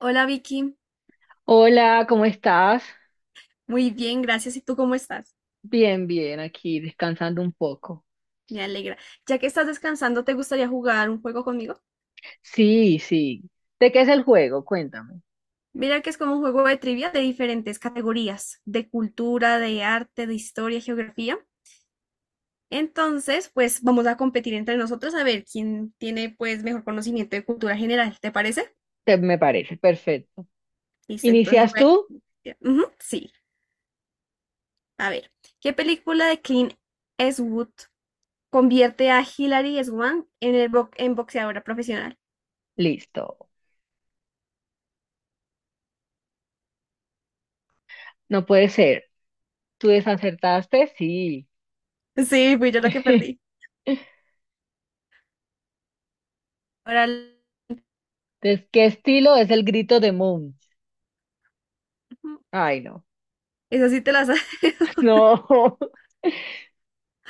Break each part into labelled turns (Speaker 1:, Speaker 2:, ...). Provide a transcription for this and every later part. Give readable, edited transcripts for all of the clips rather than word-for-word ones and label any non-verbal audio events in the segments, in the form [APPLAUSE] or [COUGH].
Speaker 1: Hola Vicky,
Speaker 2: Hola, ¿cómo estás?
Speaker 1: muy bien, gracias. ¿Y tú cómo estás?
Speaker 2: Bien, bien, aquí descansando un poco.
Speaker 1: Me alegra. Ya que estás descansando, ¿te gustaría jugar un juego conmigo?
Speaker 2: Sí, sí. ¿De qué es el juego? Cuéntame.
Speaker 1: Mira que es como un juego de trivia de diferentes categorías, de cultura, de arte, de historia, geografía. Entonces, pues vamos a competir entre nosotros a ver quién tiene pues mejor conocimiento de cultura general, ¿te parece?
Speaker 2: Me parece perfecto.
Speaker 1: Listo, entonces
Speaker 2: ¿Inicias
Speaker 1: voy
Speaker 2: tú?
Speaker 1: a... Ujú, sí, a ver. ¿Qué película de Clint Eastwood convierte a Hilary Swank en, en boxeadora profesional?
Speaker 2: Listo. No puede ser. ¿Tú desacertaste? Sí.
Speaker 1: Sí, fui yo la que perdí.
Speaker 2: [LAUGHS]
Speaker 1: Órale.
Speaker 2: Entonces, ¿qué estilo es el grito de Moon? Ay, no.
Speaker 1: Esa sí te la sabes. [LAUGHS]
Speaker 2: No. [LAUGHS]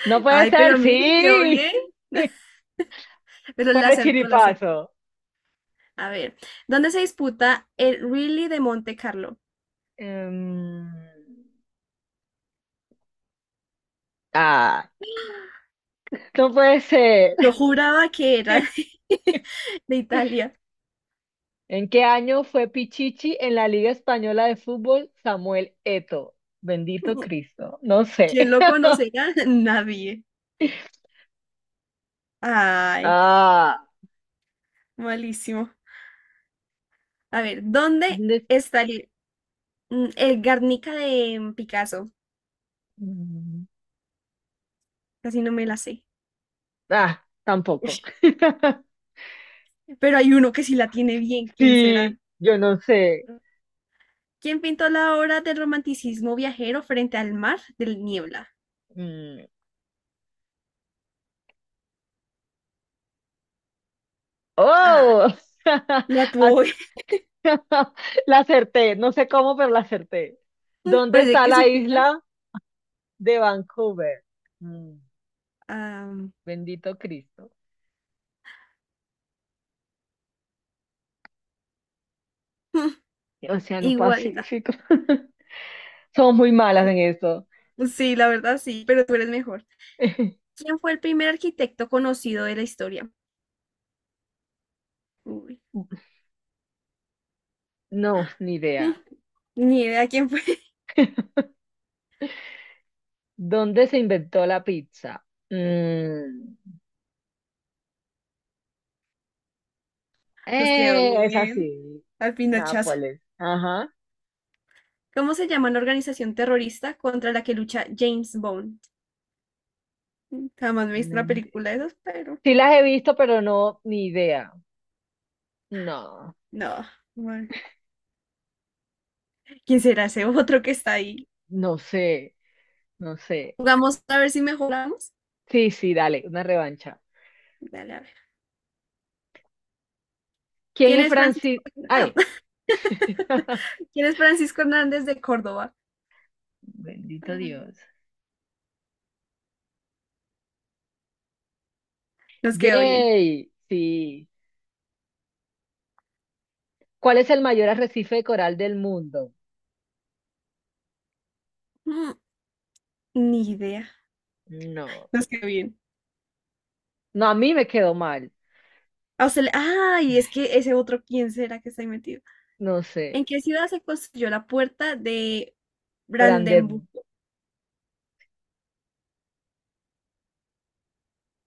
Speaker 2: No puede
Speaker 1: Ay,
Speaker 2: ser.
Speaker 1: pero mire, le quedó bien.
Speaker 2: Sí. [LAUGHS]
Speaker 1: [LAUGHS] Pero
Speaker 2: Fue
Speaker 1: la
Speaker 2: de
Speaker 1: acertó, la acertó.
Speaker 2: chiripazo.
Speaker 1: A ver, ¿dónde se disputa el Rally de Monte Carlo?
Speaker 2: Em, ah, no puede ser.
Speaker 1: Yo juraba que era
Speaker 2: [LAUGHS]
Speaker 1: de, [LAUGHS] de Italia.
Speaker 2: ¿En qué año fue Pichichi en la Liga Española de Fútbol Samuel Eto? Bendito Cristo. No sé.
Speaker 1: ¿Quién lo
Speaker 2: [LAUGHS]
Speaker 1: conocerá? [LAUGHS] Nadie. Ay,
Speaker 2: Ah,
Speaker 1: malísimo. A ver, ¿dónde
Speaker 2: de-
Speaker 1: está el Guernica de Picasso?
Speaker 2: mm,
Speaker 1: Casi no me la sé.
Speaker 2: Tampoco.
Speaker 1: Ush,
Speaker 2: [LAUGHS]
Speaker 1: pero hay uno que sí la tiene bien. ¿Quién
Speaker 2: Sí,
Speaker 1: será?
Speaker 2: yo no sé.
Speaker 1: ¿Quién pintó la obra del romanticismo viajero frente al mar del Niebla?
Speaker 2: Mm,
Speaker 1: Ah,
Speaker 2: Oh, [LAUGHS]
Speaker 1: la
Speaker 2: Ah,
Speaker 1: tuvo bien.
Speaker 2: [LAUGHS] la acerté. No sé cómo, pero la acerté.
Speaker 1: [LAUGHS]
Speaker 2: ¿Dónde
Speaker 1: Parece
Speaker 2: está
Speaker 1: que
Speaker 2: la
Speaker 1: supiera.
Speaker 2: isla de Vancouver? Mm,
Speaker 1: Ah,
Speaker 2: Bendito Cristo.
Speaker 1: [LAUGHS]
Speaker 2: Océano
Speaker 1: igualdad.
Speaker 2: Pacífico. [LAUGHS] Somos muy malas en esto.
Speaker 1: Sí, la verdad sí, pero tú eres mejor.
Speaker 2: [LAUGHS]
Speaker 1: ¿Quién fue el primer arquitecto conocido de la historia? Uy,
Speaker 2: No, ni
Speaker 1: [LAUGHS] mm,
Speaker 2: idea.
Speaker 1: ni idea quién fue. [LAUGHS]
Speaker 2: ¿Dónde se inventó la pizza? Mm,
Speaker 1: Nos quedó
Speaker 2: es
Speaker 1: bien.
Speaker 2: así.
Speaker 1: Al pinochazo.
Speaker 2: Nápoles. Ajá.
Speaker 1: ¿Cómo se llama la organización terrorista contra la que lucha James Bond? Jamás me he visto
Speaker 2: No
Speaker 1: una
Speaker 2: enti-
Speaker 1: película de esas, pero
Speaker 2: Sí las he visto, pero no, ni idea. No,
Speaker 1: no. Bueno. ¿Quién será ese otro que está ahí?
Speaker 2: no sé, no sé.
Speaker 1: Jugamos a ver si mejoramos.
Speaker 2: Sí, sí, dale, una revancha.
Speaker 1: Dale, a ver.
Speaker 2: ¿Quién
Speaker 1: ¿Quién
Speaker 2: es
Speaker 1: es
Speaker 2: Francis?
Speaker 1: Francisco? Ah.
Speaker 2: Ay.
Speaker 1: [LAUGHS]
Speaker 2: [LAUGHS]
Speaker 1: ¿Quién es Francisco Hernández de Córdoba?
Speaker 2: Bendito Dios.
Speaker 1: Nos quedó bien.
Speaker 2: Yay, sí. ¿Cuál es el mayor arrecife de coral del mundo?
Speaker 1: Mm, Ni idea.
Speaker 2: No,
Speaker 1: Nos quedó bien.
Speaker 2: no, a mí me quedó mal.
Speaker 1: Ah, ay, es que ese otro, ¿quién será que está ahí metido?
Speaker 2: No
Speaker 1: ¿En
Speaker 2: sé.
Speaker 1: qué ciudad se construyó la puerta de
Speaker 2: Brander.
Speaker 1: Brandenburgo?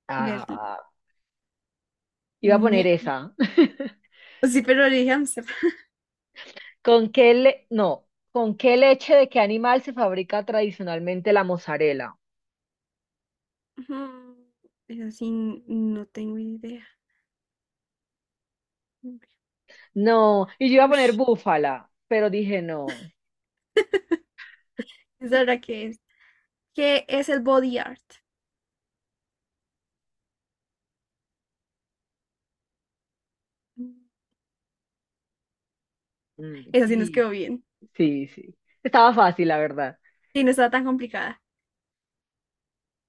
Speaker 2: ah,
Speaker 1: Berlín.
Speaker 2: ah, Iba a poner
Speaker 1: Ni...
Speaker 2: esa. [LAUGHS]
Speaker 1: Sí, pero le dije Ámsterdam.
Speaker 2: No. ¿Con qué leche de qué animal se fabrica tradicionalmente la mozzarella?
Speaker 1: Mm, Eso sí, no tengo idea.
Speaker 2: No. Y yo iba a poner
Speaker 1: Ush,
Speaker 2: búfala, pero dije no. [LAUGHS]
Speaker 1: esa era que es. ¿Qué es el body art? Esa sí nos
Speaker 2: Sí,
Speaker 1: quedó bien.
Speaker 2: sí, sí. Estaba fácil, la verdad.
Speaker 1: Sí, no estaba tan complicada.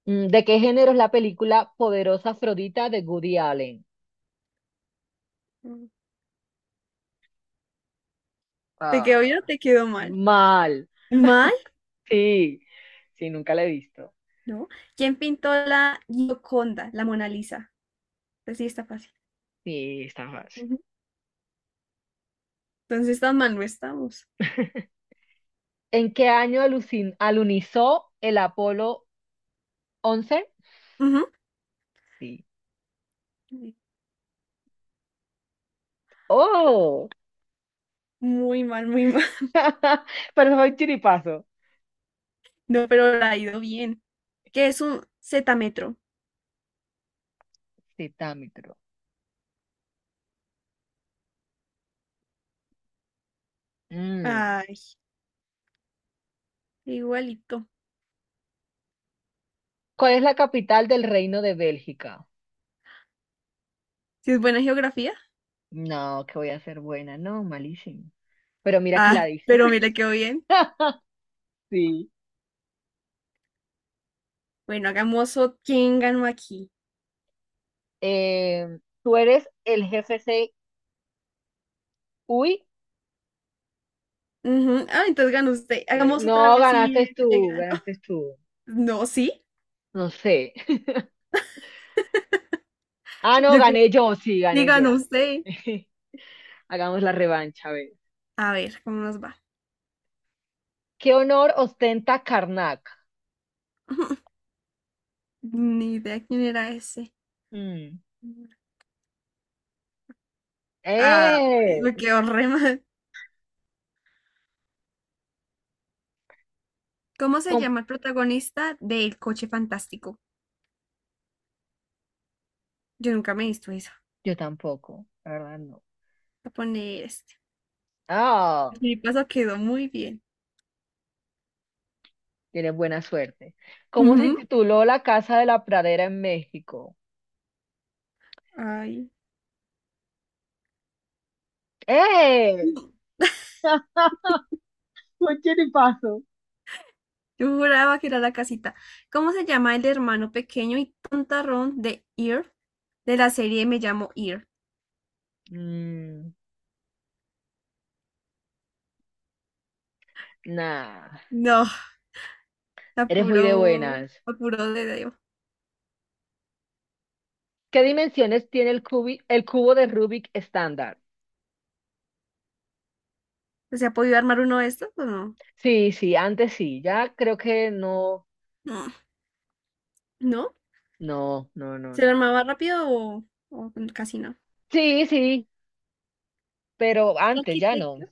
Speaker 2: ¿De qué género es la película Poderosa Afrodita de Woody Allen?
Speaker 1: Mm. ¿Te quedó bien o
Speaker 2: Ah,
Speaker 1: te quedó mal?
Speaker 2: mal.
Speaker 1: ¿Mal?
Speaker 2: Sí, sí, nunca la he visto.
Speaker 1: ¿No? ¿Quién pintó la Gioconda, la Mona Lisa? Pues sí, está fácil.
Speaker 2: Sí, está fácil.
Speaker 1: Ujú. Entonces tan mal no estamos.
Speaker 2: [LAUGHS] ¿En qué año alunizó el Apolo once?
Speaker 1: Ujú.
Speaker 2: Sí.
Speaker 1: Sí.
Speaker 2: ¡Oh!
Speaker 1: Muy mal, muy mal. [LAUGHS]
Speaker 2: [LAUGHS] Pero soy chiripazo.
Speaker 1: No, pero la ha ido bien. ¿Qué es un zetámetro?
Speaker 2: Citámitro. Mm.
Speaker 1: Ay, igualito.
Speaker 2: ¿Cuál es la capital del Reino de Bélgica?
Speaker 1: ¿Si es buena geografía?
Speaker 2: No, que voy a ser buena. No, malísimo. Pero mira que la
Speaker 1: Ah,
Speaker 2: dije.
Speaker 1: pero mira, quedó bien.
Speaker 2: [LAUGHS] Sí.
Speaker 1: Bueno, hagamos otro. ¿Quién ganó aquí?
Speaker 2: Eh, ¿Tú eres el jefe C? Uy.
Speaker 1: Ujú. Ah, entonces ganó usted. Hagamos otra
Speaker 2: No,
Speaker 1: vez si
Speaker 2: ganaste
Speaker 1: le
Speaker 2: tú,
Speaker 1: ganó. [LAUGHS]
Speaker 2: ganaste tú.
Speaker 1: No, sí.
Speaker 2: No sé. [LAUGHS] Ah, no,
Speaker 1: Yo creo.
Speaker 2: gané yo, sí, gané
Speaker 1: Digan
Speaker 2: yo.
Speaker 1: usted.
Speaker 2: [LAUGHS] Hagamos la revancha, a ver.
Speaker 1: A ver, ¿cómo nos va?
Speaker 2: ¿Qué honor ostenta Karnak?
Speaker 1: [LAUGHS] Ni idea quién era ese.
Speaker 2: Mm.
Speaker 1: Ah, me
Speaker 2: ¡Eh!
Speaker 1: quedó re mal. ¿Cómo se
Speaker 2: ¿Cómo?
Speaker 1: llama el protagonista del coche fantástico? Yo nunca me he visto eso.
Speaker 2: Yo tampoco, la verdad no.
Speaker 1: Voy a poner este.
Speaker 2: Ah,
Speaker 1: Mi paso quedó muy bien.
Speaker 2: tienes buena suerte. ¿Cómo se
Speaker 1: Ujú.
Speaker 2: tituló La Casa de la Pradera en México?
Speaker 1: Ay.
Speaker 2: ¡Eh! [LAUGHS] Fue chiripazo.
Speaker 1: Yo juraba que era la casita. ¿Cómo se llama el hermano pequeño y tontarrón de Ear? De la serie Me llamo Ear.
Speaker 2: Mm, nah,
Speaker 1: No,
Speaker 2: Eres muy de
Speaker 1: apuró
Speaker 2: buenas.
Speaker 1: apuró de Dios.
Speaker 2: ¿Qué dimensiones tiene el el cubo de Rubik estándar?
Speaker 1: ¿Se ha podido armar uno de estos o no?
Speaker 2: Sí, sí, antes sí, ya creo que no,
Speaker 1: No. ¿No?
Speaker 2: no, no, no,
Speaker 1: ¿Se lo
Speaker 2: no. no.
Speaker 1: armaba rápido o casi no?
Speaker 2: Sí, sí, pero
Speaker 1: ¿Qué
Speaker 2: antes ya
Speaker 1: arquitecto?
Speaker 2: no.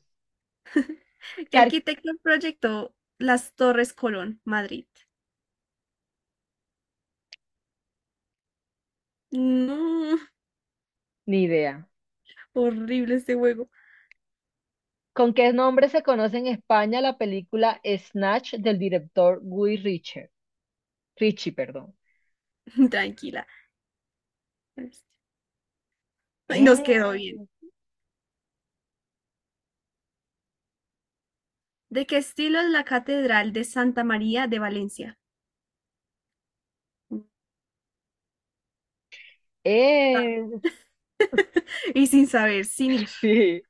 Speaker 1: ¿Qué arquitecto proyectó las Torres Colón, Madrid? No,
Speaker 2: Ni idea.
Speaker 1: horrible este juego.
Speaker 2: ¿Con qué nombre se conoce en España la película Snatch del director Guy Ritchie? Ritchie, perdón.
Speaker 1: [LAUGHS] Tranquila. Ay, nos
Speaker 2: Eh,
Speaker 1: quedó bien. ¿De qué estilo es la Catedral de Santa María de Valencia?
Speaker 2: eh,
Speaker 1: Y sin saber, sin ir.
Speaker 2: [LAUGHS] sí.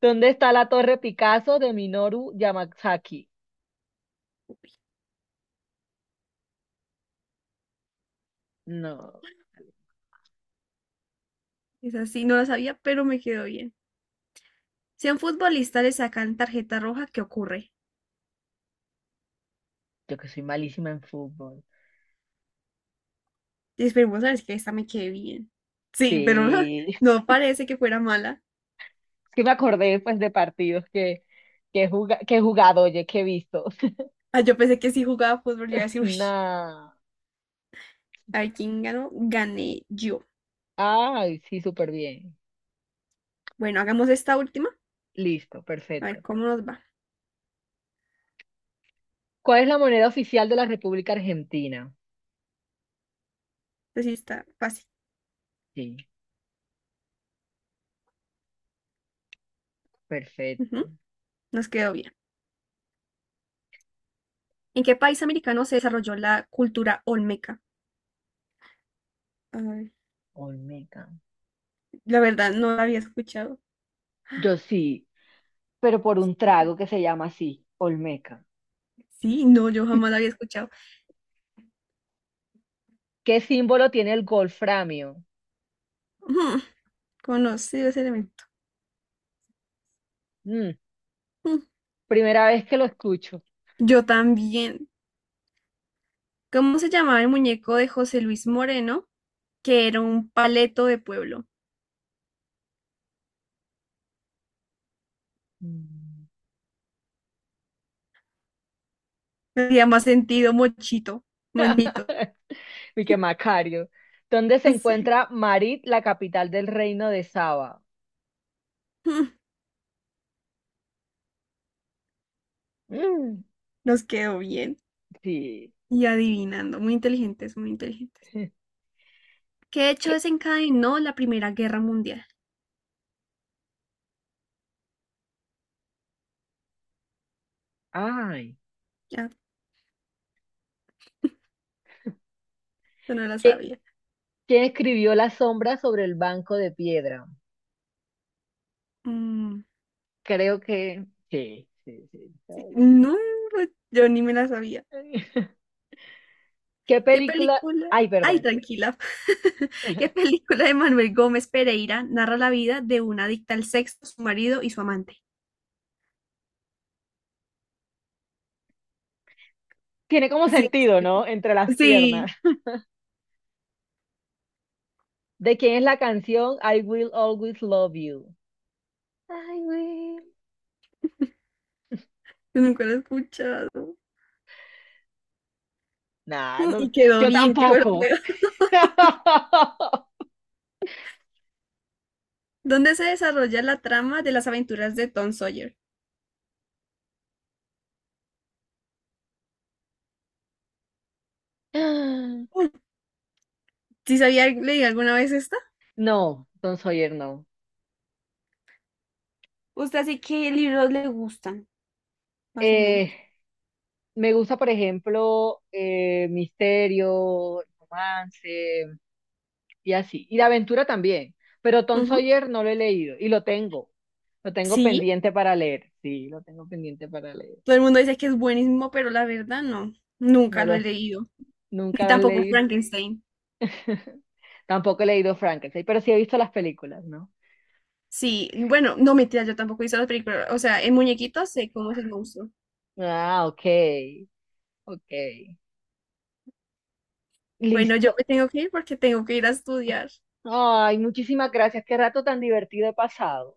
Speaker 2: ¿Dónde está la Torre Picasso de Minoru Yamasaki? No,
Speaker 1: Es así, no lo sabía, pero me quedó bien. Si a un futbolista le sacan tarjeta roja, ¿qué ocurre?
Speaker 2: yo que soy malísima en fútbol.
Speaker 1: Y esperemos a ver si esta me quede bien. Sí, pero [LAUGHS]
Speaker 2: Sí, [LAUGHS] es
Speaker 1: no parece que fuera mala.
Speaker 2: que me acordé pues de partidos que he jugado, oye, que he visto. [LAUGHS]
Speaker 1: Ah, yo pensé que si jugaba fútbol, yo iba a decir, uy,
Speaker 2: Nah.
Speaker 1: a ver quién ganó, gané yo.
Speaker 2: Ay, sí, súper bien.
Speaker 1: Bueno, hagamos esta última,
Speaker 2: Listo,
Speaker 1: a
Speaker 2: perfecto.
Speaker 1: ver cómo nos va.
Speaker 2: ¿Cuál es la moneda oficial de la República Argentina?
Speaker 1: Así está fácil.
Speaker 2: Sí, perfecto.
Speaker 1: Ujú, nos quedó bien. ¿En qué país americano se desarrolló la cultura olmeca? Ay,
Speaker 2: Olmeca.
Speaker 1: la verdad, no la había escuchado.
Speaker 2: Yo sí, pero por un trago que se llama así, Olmeca.
Speaker 1: Sí, no, yo jamás la había escuchado.
Speaker 2: ¿Qué símbolo tiene el golframio?
Speaker 1: Ujú, conocido ese elemento.
Speaker 2: Mm,
Speaker 1: Ujú,
Speaker 2: Primera vez que lo escucho.
Speaker 1: yo también. ¿Cómo se llamaba el muñeco de José Luis Moreno? Que era un paleto de pueblo.
Speaker 2: Mm.
Speaker 1: Tenía más sentido, mochito, moñito.
Speaker 2: [LAUGHS] Y que Macario. ¿Dónde se
Speaker 1: Sí.
Speaker 2: encuentra Marit, la capital del reino de Saba?
Speaker 1: [LAUGHS] Mm,
Speaker 2: Mm,
Speaker 1: nos quedó bien.
Speaker 2: Sí.
Speaker 1: Y adivinando, muy inteligentes, muy inteligentes.
Speaker 2: [LAUGHS]
Speaker 1: ¿Qué hecho
Speaker 2: ¿Qué-
Speaker 1: desencadenó la Primera Guerra Mundial?
Speaker 2: Ay,
Speaker 1: Ya, yo no la
Speaker 2: qué-
Speaker 1: sabía.
Speaker 2: ¿Quién escribió La sombra sobre el banco de piedra?
Speaker 1: Mm,
Speaker 2: Creo que Sí, sí, sí.
Speaker 1: no, yo ni me la sabía.
Speaker 2: [LAUGHS] ¿Qué
Speaker 1: ¿Qué
Speaker 2: película?
Speaker 1: película?
Speaker 2: Ay,
Speaker 1: Ay,
Speaker 2: perdón.
Speaker 1: tranquila. [LAUGHS] ¿Qué
Speaker 2: [LAUGHS]
Speaker 1: película de Manuel Gómez Pereira narra la vida de una adicta al sexo, su marido y su amante?
Speaker 2: Tiene como
Speaker 1: Sí,
Speaker 2: sentido,
Speaker 1: [LAUGHS]
Speaker 2: ¿no? Entre
Speaker 1: sí,
Speaker 2: las piernas.
Speaker 1: sí,
Speaker 2: ¿De quién es la canción I Will Always Love You? I will.
Speaker 1: yo nunca la he escuchado.
Speaker 2: Nah, no,
Speaker 1: Y quedó
Speaker 2: yo
Speaker 1: bien, qué bueno.
Speaker 2: tampoco.
Speaker 1: [LAUGHS]
Speaker 2: [LAUGHS]
Speaker 1: ¿Dónde se desarrolla la trama de las aventuras de Tom Sawyer? ¿Sí sabía leí alguna vez esta?
Speaker 2: No, Don Sawyer no.
Speaker 1: ¿Usted sí qué libros le gustan, más o
Speaker 2: Eh,
Speaker 1: menos?
Speaker 2: Me gusta, por ejemplo, misterio, romance y así. Y de aventura también. Pero Tom
Speaker 1: Ujú.
Speaker 2: Sawyer no lo he leído y lo tengo. Lo tengo
Speaker 1: Sí,
Speaker 2: pendiente para leer. Sí, lo tengo pendiente para leer.
Speaker 1: todo el mundo dice que es buenísimo, pero la verdad no, nunca
Speaker 2: No
Speaker 1: lo
Speaker 2: lo,
Speaker 1: he leído, ni
Speaker 2: Nunca las
Speaker 1: tampoco
Speaker 2: leí.
Speaker 1: Frankenstein.
Speaker 2: [LAUGHS] Tampoco he leído Frankenstein, pero sí he visto las películas, ¿no?
Speaker 1: Sí, bueno, no mentira, yo tampoco he visto las películas, o sea, en muñequitos sé cómo es el monstruo.
Speaker 2: Ah, ok, ok.
Speaker 1: Bueno, yo
Speaker 2: Listo.
Speaker 1: me tengo que ir porque tengo que ir a estudiar. [LAUGHS]
Speaker 2: Ay, muchísimas gracias. Qué rato tan divertido he pasado.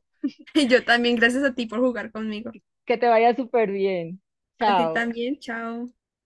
Speaker 1: Y yo también, gracias a ti por jugar conmigo.
Speaker 2: Que te vaya súper bien.
Speaker 1: A ti
Speaker 2: Chao.
Speaker 1: también, chao.